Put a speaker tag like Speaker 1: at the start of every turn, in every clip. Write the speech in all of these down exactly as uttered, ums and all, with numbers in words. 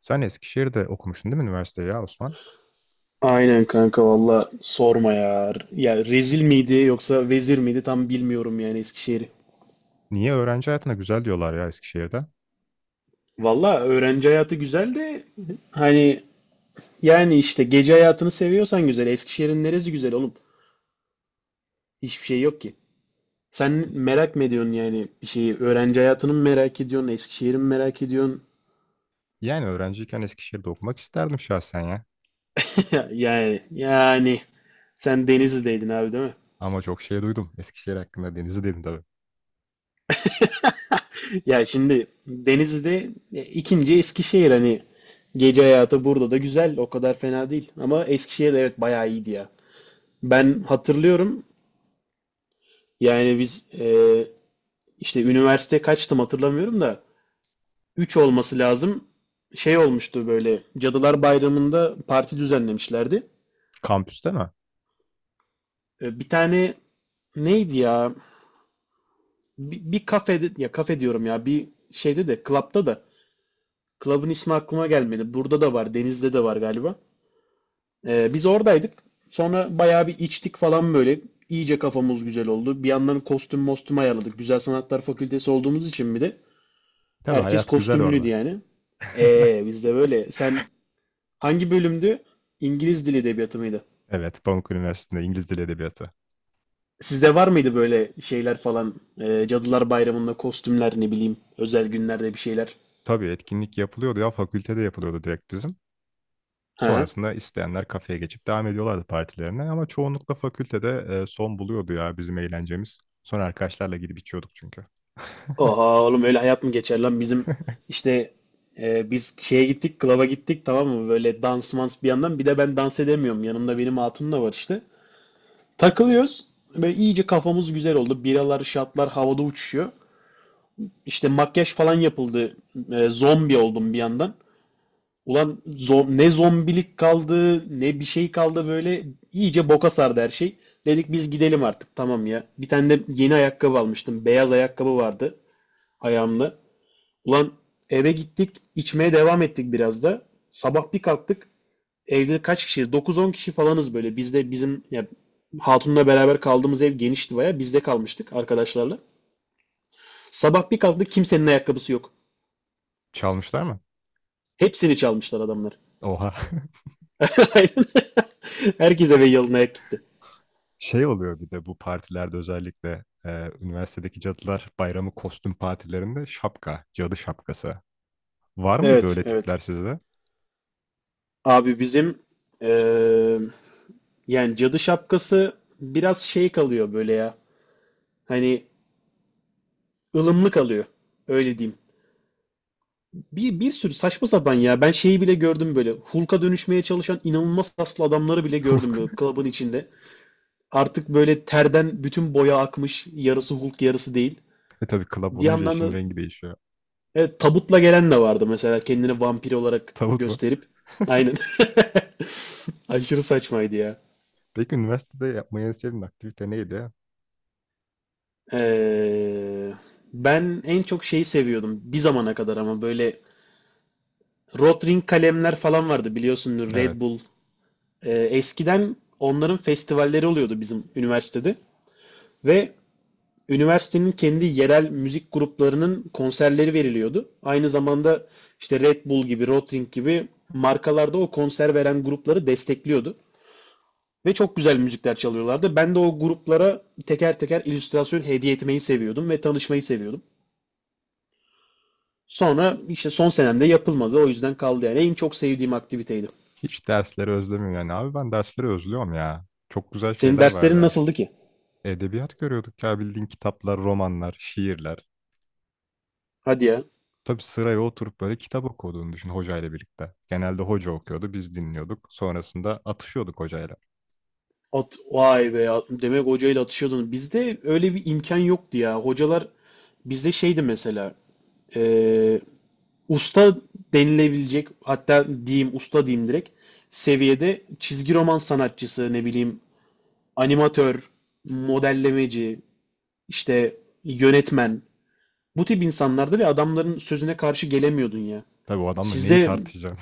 Speaker 1: Sen Eskişehir'de okumuştun değil mi üniversiteyi ya Osman?
Speaker 2: Aynen kanka valla sorma ya. Ya rezil miydi yoksa vezir miydi tam bilmiyorum yani Eskişehir'i.
Speaker 1: Niye öğrenci hayatına güzel diyorlar ya Eskişehir'de?
Speaker 2: Valla öğrenci hayatı güzel de hani yani işte gece hayatını seviyorsan güzel. Eskişehir'in neresi güzel oğlum? Hiçbir şey yok ki. Sen merak mı ediyorsun yani bir şeyi? Öğrenci hayatını mı merak ediyorsun? Eskişehir'i mi merak ediyorsun?
Speaker 1: Yani öğrenciyken Eskişehir'de okumak isterdim şahsen ya.
Speaker 2: Yani yani sen Denizli'deydin abi değil mi?
Speaker 1: Ama çok şey duydum Eskişehir hakkında Deniz'i dedim tabii.
Speaker 2: Ya şimdi Denizli'de e, ikinci Eskişehir, hani gece hayatı burada da güzel, o kadar fena değil, ama Eskişehir evet bayağı iyiydi ya. Ben hatırlıyorum, yani biz e, işte üniversite kaçtım hatırlamıyorum da, üç olması lazım, şey olmuştu böyle, Cadılar Bayramı'nda parti düzenlemişlerdi.
Speaker 1: Kampüste mi?
Speaker 2: E, bir tane, neydi ya, bir, bir kafede, ya kafe diyorum ya, bir şeyde de, klapta da, klabın ismi aklıma gelmedi, burada da var Denizli'de de var galiba. Ee, biz oradaydık. Sonra bayağı bir içtik falan böyle. İyice kafamız güzel oldu. Bir yandan kostüm mostüm ayarladık. Güzel Sanatlar Fakültesi olduğumuz için bir de
Speaker 1: Tabii
Speaker 2: herkes
Speaker 1: hayat güzel
Speaker 2: kostümlüydü
Speaker 1: orada.
Speaker 2: yani. Ee, biz de böyle. Sen hangi bölümdü? İngiliz Dili Edebiyatı mıydı?
Speaker 1: Evet, Pamuk Üniversitesi'nde İngiliz Dili Edebiyatı.
Speaker 2: Sizde var mıydı böyle şeyler falan? Ee, Cadılar Bayramı'nda kostümler, ne bileyim, özel günlerde bir şeyler.
Speaker 1: Tabii etkinlik yapılıyordu ya fakültede yapılıyordu direkt bizim.
Speaker 2: Hı hı.
Speaker 1: Sonrasında isteyenler kafeye geçip devam ediyorlardı partilerine ama çoğunlukla fakültede e, son buluyordu ya bizim eğlencemiz. Sonra arkadaşlarla gidip içiyorduk çünkü.
Speaker 2: Oha oğlum, öyle hayat mı geçer lan bizim işte. E, biz şeye gittik, klaba gittik, tamam mı, böyle dans mans, bir yandan bir de ben dans edemiyorum, yanımda benim hatun da var işte, takılıyoruz, böyle iyice kafamız güzel oldu, biralar şatlar havada uçuşuyor, işte makyaj falan yapıldı. E, zombi oldum bir yandan. Ulan zo- ne zombilik kaldı ne bir şey kaldı, böyle iyice boka sardı her şey. Dedik biz gidelim artık, tamam ya. Bir tane de yeni ayakkabı almıştım, beyaz ayakkabı vardı ayağımda. Ulan, eve gittik, içmeye devam ettik biraz da. Sabah bir kalktık. Evde kaç kişi? dokuz on kişi kişi falanız böyle. Bizde, bizim ya, hatunla beraber kaldığımız ev genişti baya. Bizde kalmıştık arkadaşlarla. Sabah bir kalktık, kimsenin ayakkabısı yok.
Speaker 1: Çalmışlar mı?
Speaker 2: Hepsini çalmışlar adamlar.
Speaker 1: Oha.
Speaker 2: Aynen. Herkes eve yalın ayak gitti.
Speaker 1: Şey oluyor bir de bu partilerde özellikle e, üniversitedeki cadılar bayramı kostüm partilerinde şapka, cadı şapkası. Var mıydı
Speaker 2: Evet,
Speaker 1: öyle tipler
Speaker 2: evet.
Speaker 1: sizde?
Speaker 2: Abi bizim eee, yani cadı şapkası biraz şey kalıyor böyle ya. Hani ılımlı kalıyor. Öyle diyeyim. Bir, bir sürü saçma sapan ya. Ben şeyi bile gördüm böyle. Hulk'a dönüşmeye çalışan inanılmaz kaslı adamları bile gördüm
Speaker 1: Hulk.
Speaker 2: böyle, klubun içinde. Artık böyle terden bütün boya akmış. Yarısı Hulk, yarısı değil.
Speaker 1: E tabii club
Speaker 2: Bir
Speaker 1: olunca
Speaker 2: yandan
Speaker 1: işin
Speaker 2: da
Speaker 1: rengi değişiyor.
Speaker 2: evet, tabutla gelen de vardı mesela. Kendini vampir olarak
Speaker 1: Tavut mu?
Speaker 2: gösterip. Aynen. Aşırı saçmaydı ya.
Speaker 1: Peki üniversitede yapmayı en sevdiğin aktivite neydi?
Speaker 2: Ee, ben en çok şeyi seviyordum. Bir zamana kadar ama, böyle Rotring kalemler falan vardı biliyorsunuz. Red
Speaker 1: Evet.
Speaker 2: Bull. Ee, eskiden onların festivalleri oluyordu bizim üniversitede, ve üniversitenin kendi yerel müzik gruplarının konserleri veriliyordu. Aynı zamanda işte Red Bull gibi, Rotring gibi markalarda o konser veren grupları destekliyordu. Ve çok güzel müzikler çalıyorlardı. Ben de o gruplara teker teker illüstrasyon hediye etmeyi seviyordum ve tanışmayı seviyordum. Sonra işte son senemde yapılmadı. O yüzden kaldı yani. En çok sevdiğim aktiviteydi.
Speaker 1: Hiç dersleri özlemiyorum yani. Abi ben dersleri özlüyorum ya. Çok güzel
Speaker 2: Senin
Speaker 1: şeyler
Speaker 2: derslerin
Speaker 1: vardı.
Speaker 2: nasıldı ki?
Speaker 1: Edebiyat görüyorduk ya bildiğin kitaplar, romanlar, şiirler.
Speaker 2: Hadi ya.
Speaker 1: Tabii sıraya oturup böyle kitap okuduğunu düşün hocayla birlikte. Genelde hoca okuyordu, biz dinliyorduk. Sonrasında atışıyorduk hocayla.
Speaker 2: At, vay be ya. Demek hocayla atışıyordun. Bizde öyle bir imkan yoktu ya. Hocalar bizde şeydi mesela. e, usta denilebilecek, hatta diyeyim usta diyeyim, direkt seviyede çizgi roman sanatçısı, ne bileyim, animatör, modellemeci, işte yönetmen, bu tip insanlardı ve adamların sözüne karşı gelemiyordun ya.
Speaker 1: Tabii o adamla neyi
Speaker 2: Sizde
Speaker 1: tartışacağım?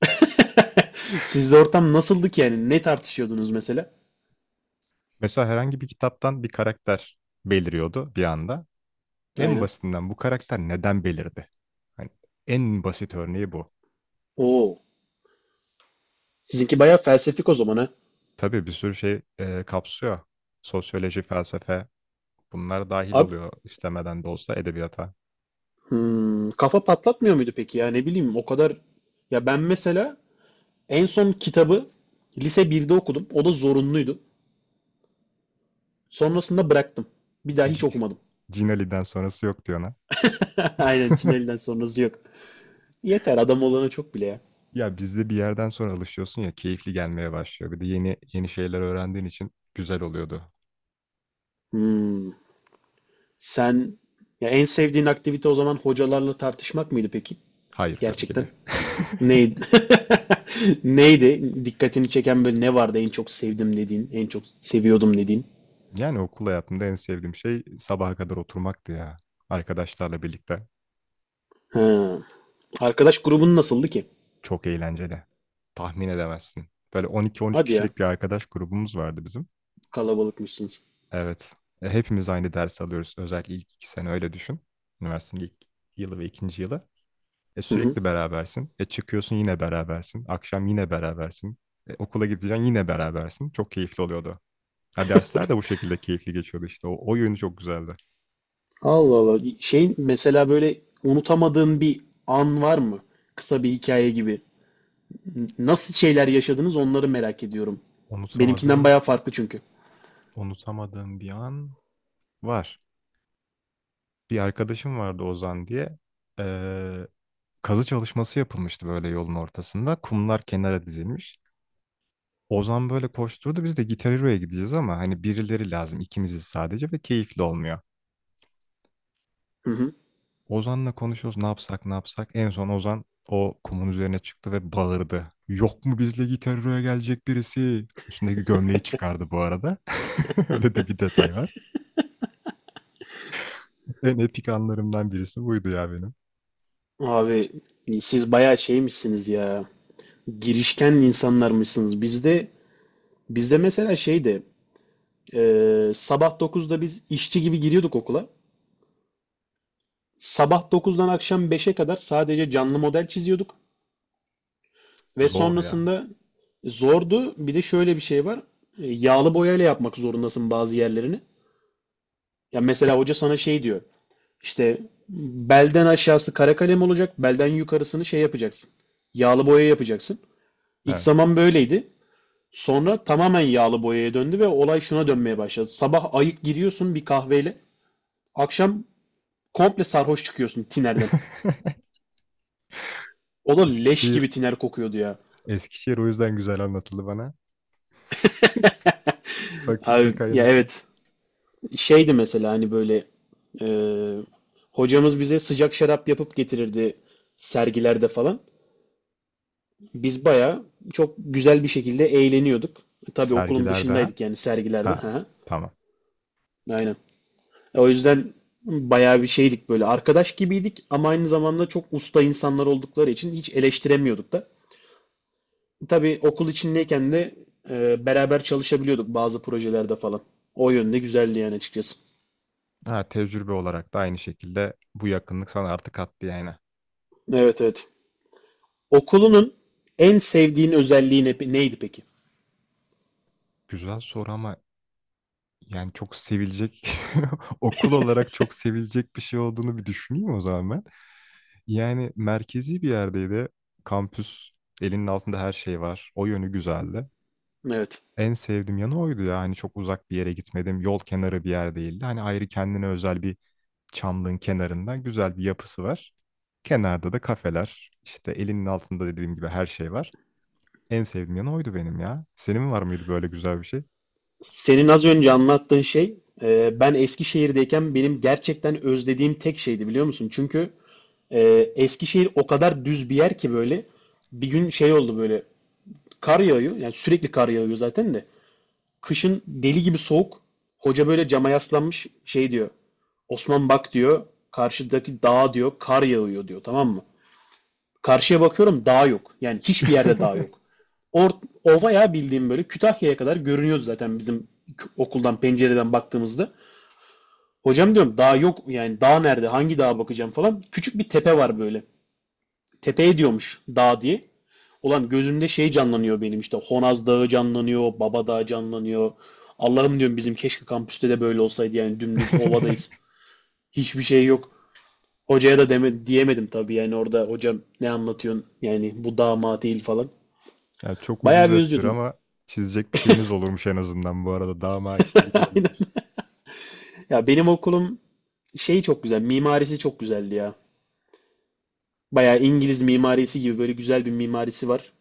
Speaker 2: sizde ortam nasıldı ki yani? Ne tartışıyordunuz mesela?
Speaker 1: Mesela herhangi bir kitaptan bir karakter beliriyordu bir anda. En
Speaker 2: Aynen.
Speaker 1: basitinden bu karakter neden belirdi? Hani en basit örneği bu.
Speaker 2: Oo. Sizinki bayağı felsefik o zaman ha.
Speaker 1: Tabii bir sürü şey e, kapsıyor. Sosyoloji, felsefe bunlar dahil
Speaker 2: Abi,
Speaker 1: oluyor istemeden de olsa edebiyata.
Speaker 2: hmm, kafa patlatmıyor muydu peki, ya ne bileyim, o kadar. Ya ben mesela en son kitabı lise birde okudum. O da zorunluydu. Sonrasında bıraktım. Bir daha hiç
Speaker 1: C-
Speaker 2: okumadım.
Speaker 1: Cin sonrası yok diyor ona.
Speaker 2: Aynen, Çineli'den sonrası yok. Yeter, adam olana çok bile ya.
Speaker 1: Ya bizde bir yerden sonra alışıyorsun ya keyifli gelmeye başlıyor. Bir de yeni yeni şeyler öğrendiğin için güzel oluyordu.
Speaker 2: Hmm, sen ya, en sevdiğin aktivite o zaman hocalarla tartışmak mıydı peki?
Speaker 1: Hayır tabii ki
Speaker 2: Gerçekten.
Speaker 1: de.
Speaker 2: Neydi? Neydi? Dikkatini çeken böyle ne vardı, en çok sevdim dediğin, en çok seviyordum dediğin?
Speaker 1: Yani okul hayatımda en sevdiğim şey sabaha kadar oturmaktı ya. Arkadaşlarla birlikte.
Speaker 2: Ha. Arkadaş grubun nasıldı ki?
Speaker 1: Çok eğlenceli. Tahmin edemezsin. Böyle on iki on üç
Speaker 2: Hadi ya,
Speaker 1: kişilik bir arkadaş grubumuz vardı bizim.
Speaker 2: kalabalıkmışsınız.
Speaker 1: Evet. E, hepimiz aynı ders alıyoruz. Özellikle ilk iki sene öyle düşün. Üniversitenin ilk yılı ve ikinci yılı. E,
Speaker 2: Hı hı.
Speaker 1: sürekli berabersin. E, çıkıyorsun yine berabersin. Akşam yine berabersin. E, okula gideceksin yine berabersin. Çok keyifli oluyordu. Ha, dersler de bu şekilde keyifli geçiyordu işte. O, o yönü çok güzeldi.
Speaker 2: Allah Allah. Şey mesela, böyle unutamadığın bir an var mı? Kısa bir hikaye gibi. N- Nasıl şeyler yaşadınız, onları merak ediyorum. Benimkinden
Speaker 1: Unutamadığım,
Speaker 2: bayağı farklı çünkü.
Speaker 1: unutamadığım bir an var. Bir arkadaşım vardı Ozan diye. Ee, kazı çalışması yapılmıştı böyle yolun ortasında. Kumlar kenara dizilmiş. Ozan böyle koşturdu. Biz de Gitar Hero'ya gideceğiz ama hani birileri lazım ikimiziz sadece ve keyifli olmuyor.
Speaker 2: Hı hı.
Speaker 1: Ozan'la konuşuyoruz ne yapsak ne yapsak. En son Ozan o kumun üzerine çıktı ve bağırdı. Yok mu bizle Gitaro'ya gelecek birisi? Üstündeki gömleği çıkardı bu arada. Öyle de bir detay var. En epik anlarımdan birisi buydu ya benim.
Speaker 2: Abi, siz bayağı şeymişsiniz ya. Girişken insanlarmışsınız. Bizde bizde mesela şeydi. e, sabah dokuzda biz işçi gibi giriyorduk okula. Sabah dokuzdan akşam beşe kadar sadece canlı model çiziyorduk. Ve
Speaker 1: Zor ya.
Speaker 2: sonrasında zordu. Bir de şöyle bir şey var. E, Yağlı boyayla yapmak zorundasın bazı yerlerini. Ya mesela hoca sana şey diyor. İşte belden aşağısı kara kalem olacak, belden yukarısını şey yapacaksın. Yağlı boya yapacaksın. İlk
Speaker 1: Evet.
Speaker 2: zaman böyleydi. Sonra tamamen yağlı boyaya döndü ve olay şuna dönmeye başladı. Sabah ayık giriyorsun bir kahveyle. Akşam komple sarhoş çıkıyorsun tinerden. O da leş
Speaker 1: Eskişehir,
Speaker 2: gibi tiner kokuyordu ya.
Speaker 1: Eskişehir o yüzden güzel anlatıldı bana. Fakülte
Speaker 2: Abi ya
Speaker 1: kaynaklı.
Speaker 2: evet. Şeydi mesela, hani böyle e, hocamız bize sıcak şarap yapıp getirirdi sergilerde falan. Biz bayağı çok güzel bir şekilde eğleniyorduk. Tabii okulun
Speaker 1: Sergiler daha.
Speaker 2: dışındaydık yani, sergilerde.
Speaker 1: Ha,
Speaker 2: Ha,
Speaker 1: tamam.
Speaker 2: aynen. E, O yüzden bayağı bir şeydik, böyle arkadaş gibiydik ama, aynı zamanda çok usta insanlar oldukları için hiç eleştiremiyorduk da. Tabii okul içindeyken de e, beraber çalışabiliyorduk bazı projelerde falan. O yönde güzeldi yani, açıkçası.
Speaker 1: Ha, tecrübe olarak da aynı şekilde bu yakınlık sana artık attı yani.
Speaker 2: Evet, evet. Okulunun en sevdiğin özelliği ne- neydi peki?
Speaker 1: Güzel soru ama yani çok sevilecek okul olarak çok sevilecek bir şey olduğunu bir düşüneyim o zaman ben. Yani merkezi bir yerdeydi. Kampüs elinin altında her şey var. O yönü güzeldi.
Speaker 2: Evet.
Speaker 1: En sevdiğim yanı oydu ya. Hani çok uzak bir yere gitmedim. Yol kenarı bir yer değildi. Hani ayrı kendine özel bir çamlığın kenarında güzel bir yapısı var. Kenarda da kafeler. İşte elinin altında dediğim gibi her şey var. En sevdiğim yanı oydu benim ya. Senin var mıydı böyle güzel bir şey?
Speaker 2: Senin az önce anlattığın şey, e, ben Eskişehir'deyken benim gerçekten özlediğim tek şeydi, biliyor musun? Çünkü e, Eskişehir o kadar düz bir yer ki, böyle bir gün şey oldu, böyle kar yağıyor, yani sürekli kar yağıyor zaten de, kışın deli gibi soğuk, hoca böyle cama yaslanmış şey diyor, Osman bak diyor, karşıdaki dağa diyor kar yağıyor diyor, tamam mı? Karşıya bakıyorum, dağ yok. Yani hiçbir yerde dağ yok. Or Ova ya, bildiğim böyle Kütahya'ya kadar görünüyordu zaten, bizim okuldan pencereden baktığımızda. Hocam diyorum dağ yok, yani dağ nerede, hangi dağa bakacağım falan. Küçük bir tepe var böyle. Tepeye diyormuş dağ diye. Ulan gözümde şey canlanıyor benim, işte Honaz Dağı canlanıyor, Baba Dağı canlanıyor. Allah'ım diyorum, bizim keşke kampüste de böyle olsaydı, yani dümdüz ovadayız. Hiçbir şey yok. Hocaya da deme, diyemedim tabii, yani orada, hocam ne anlatıyorsun yani, bu dağ mağ değil falan.
Speaker 1: Ya çok ucuz
Speaker 2: Bayağı bir
Speaker 1: espri
Speaker 2: özlüyordum.
Speaker 1: ama çizecek bir şeyiniz olurmuş en azından bu arada. Daha işte güzel
Speaker 2: Aynen.
Speaker 1: olurmuş.
Speaker 2: Ya benim okulum şey çok güzel. Mimarisi çok güzeldi ya. Bayağı İngiliz mimarisi gibi, böyle güzel bir mimarisi var.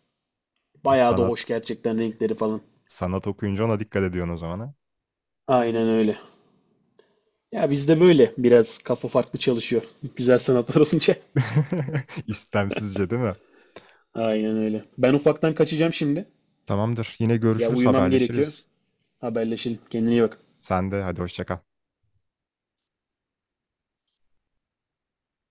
Speaker 1: E,
Speaker 2: Bayağı da hoş
Speaker 1: sanat.
Speaker 2: gerçekten, renkleri falan.
Speaker 1: Sanat okuyunca ona dikkat ediyorsun o zaman ha.
Speaker 2: Aynen öyle. Ya bizde böyle biraz kafa farklı çalışıyor. Güzel sanatlar olunca.
Speaker 1: İstemsizce değil mi?
Speaker 2: Aynen öyle. Ben ufaktan kaçacağım şimdi.
Speaker 1: Tamamdır. Yine
Speaker 2: Ya
Speaker 1: görüşürüz,
Speaker 2: uyumam gerekiyor.
Speaker 1: haberleşiriz.
Speaker 2: Haberleşelim. Kendine iyi bak.
Speaker 1: Sen de hadi hoşça kal.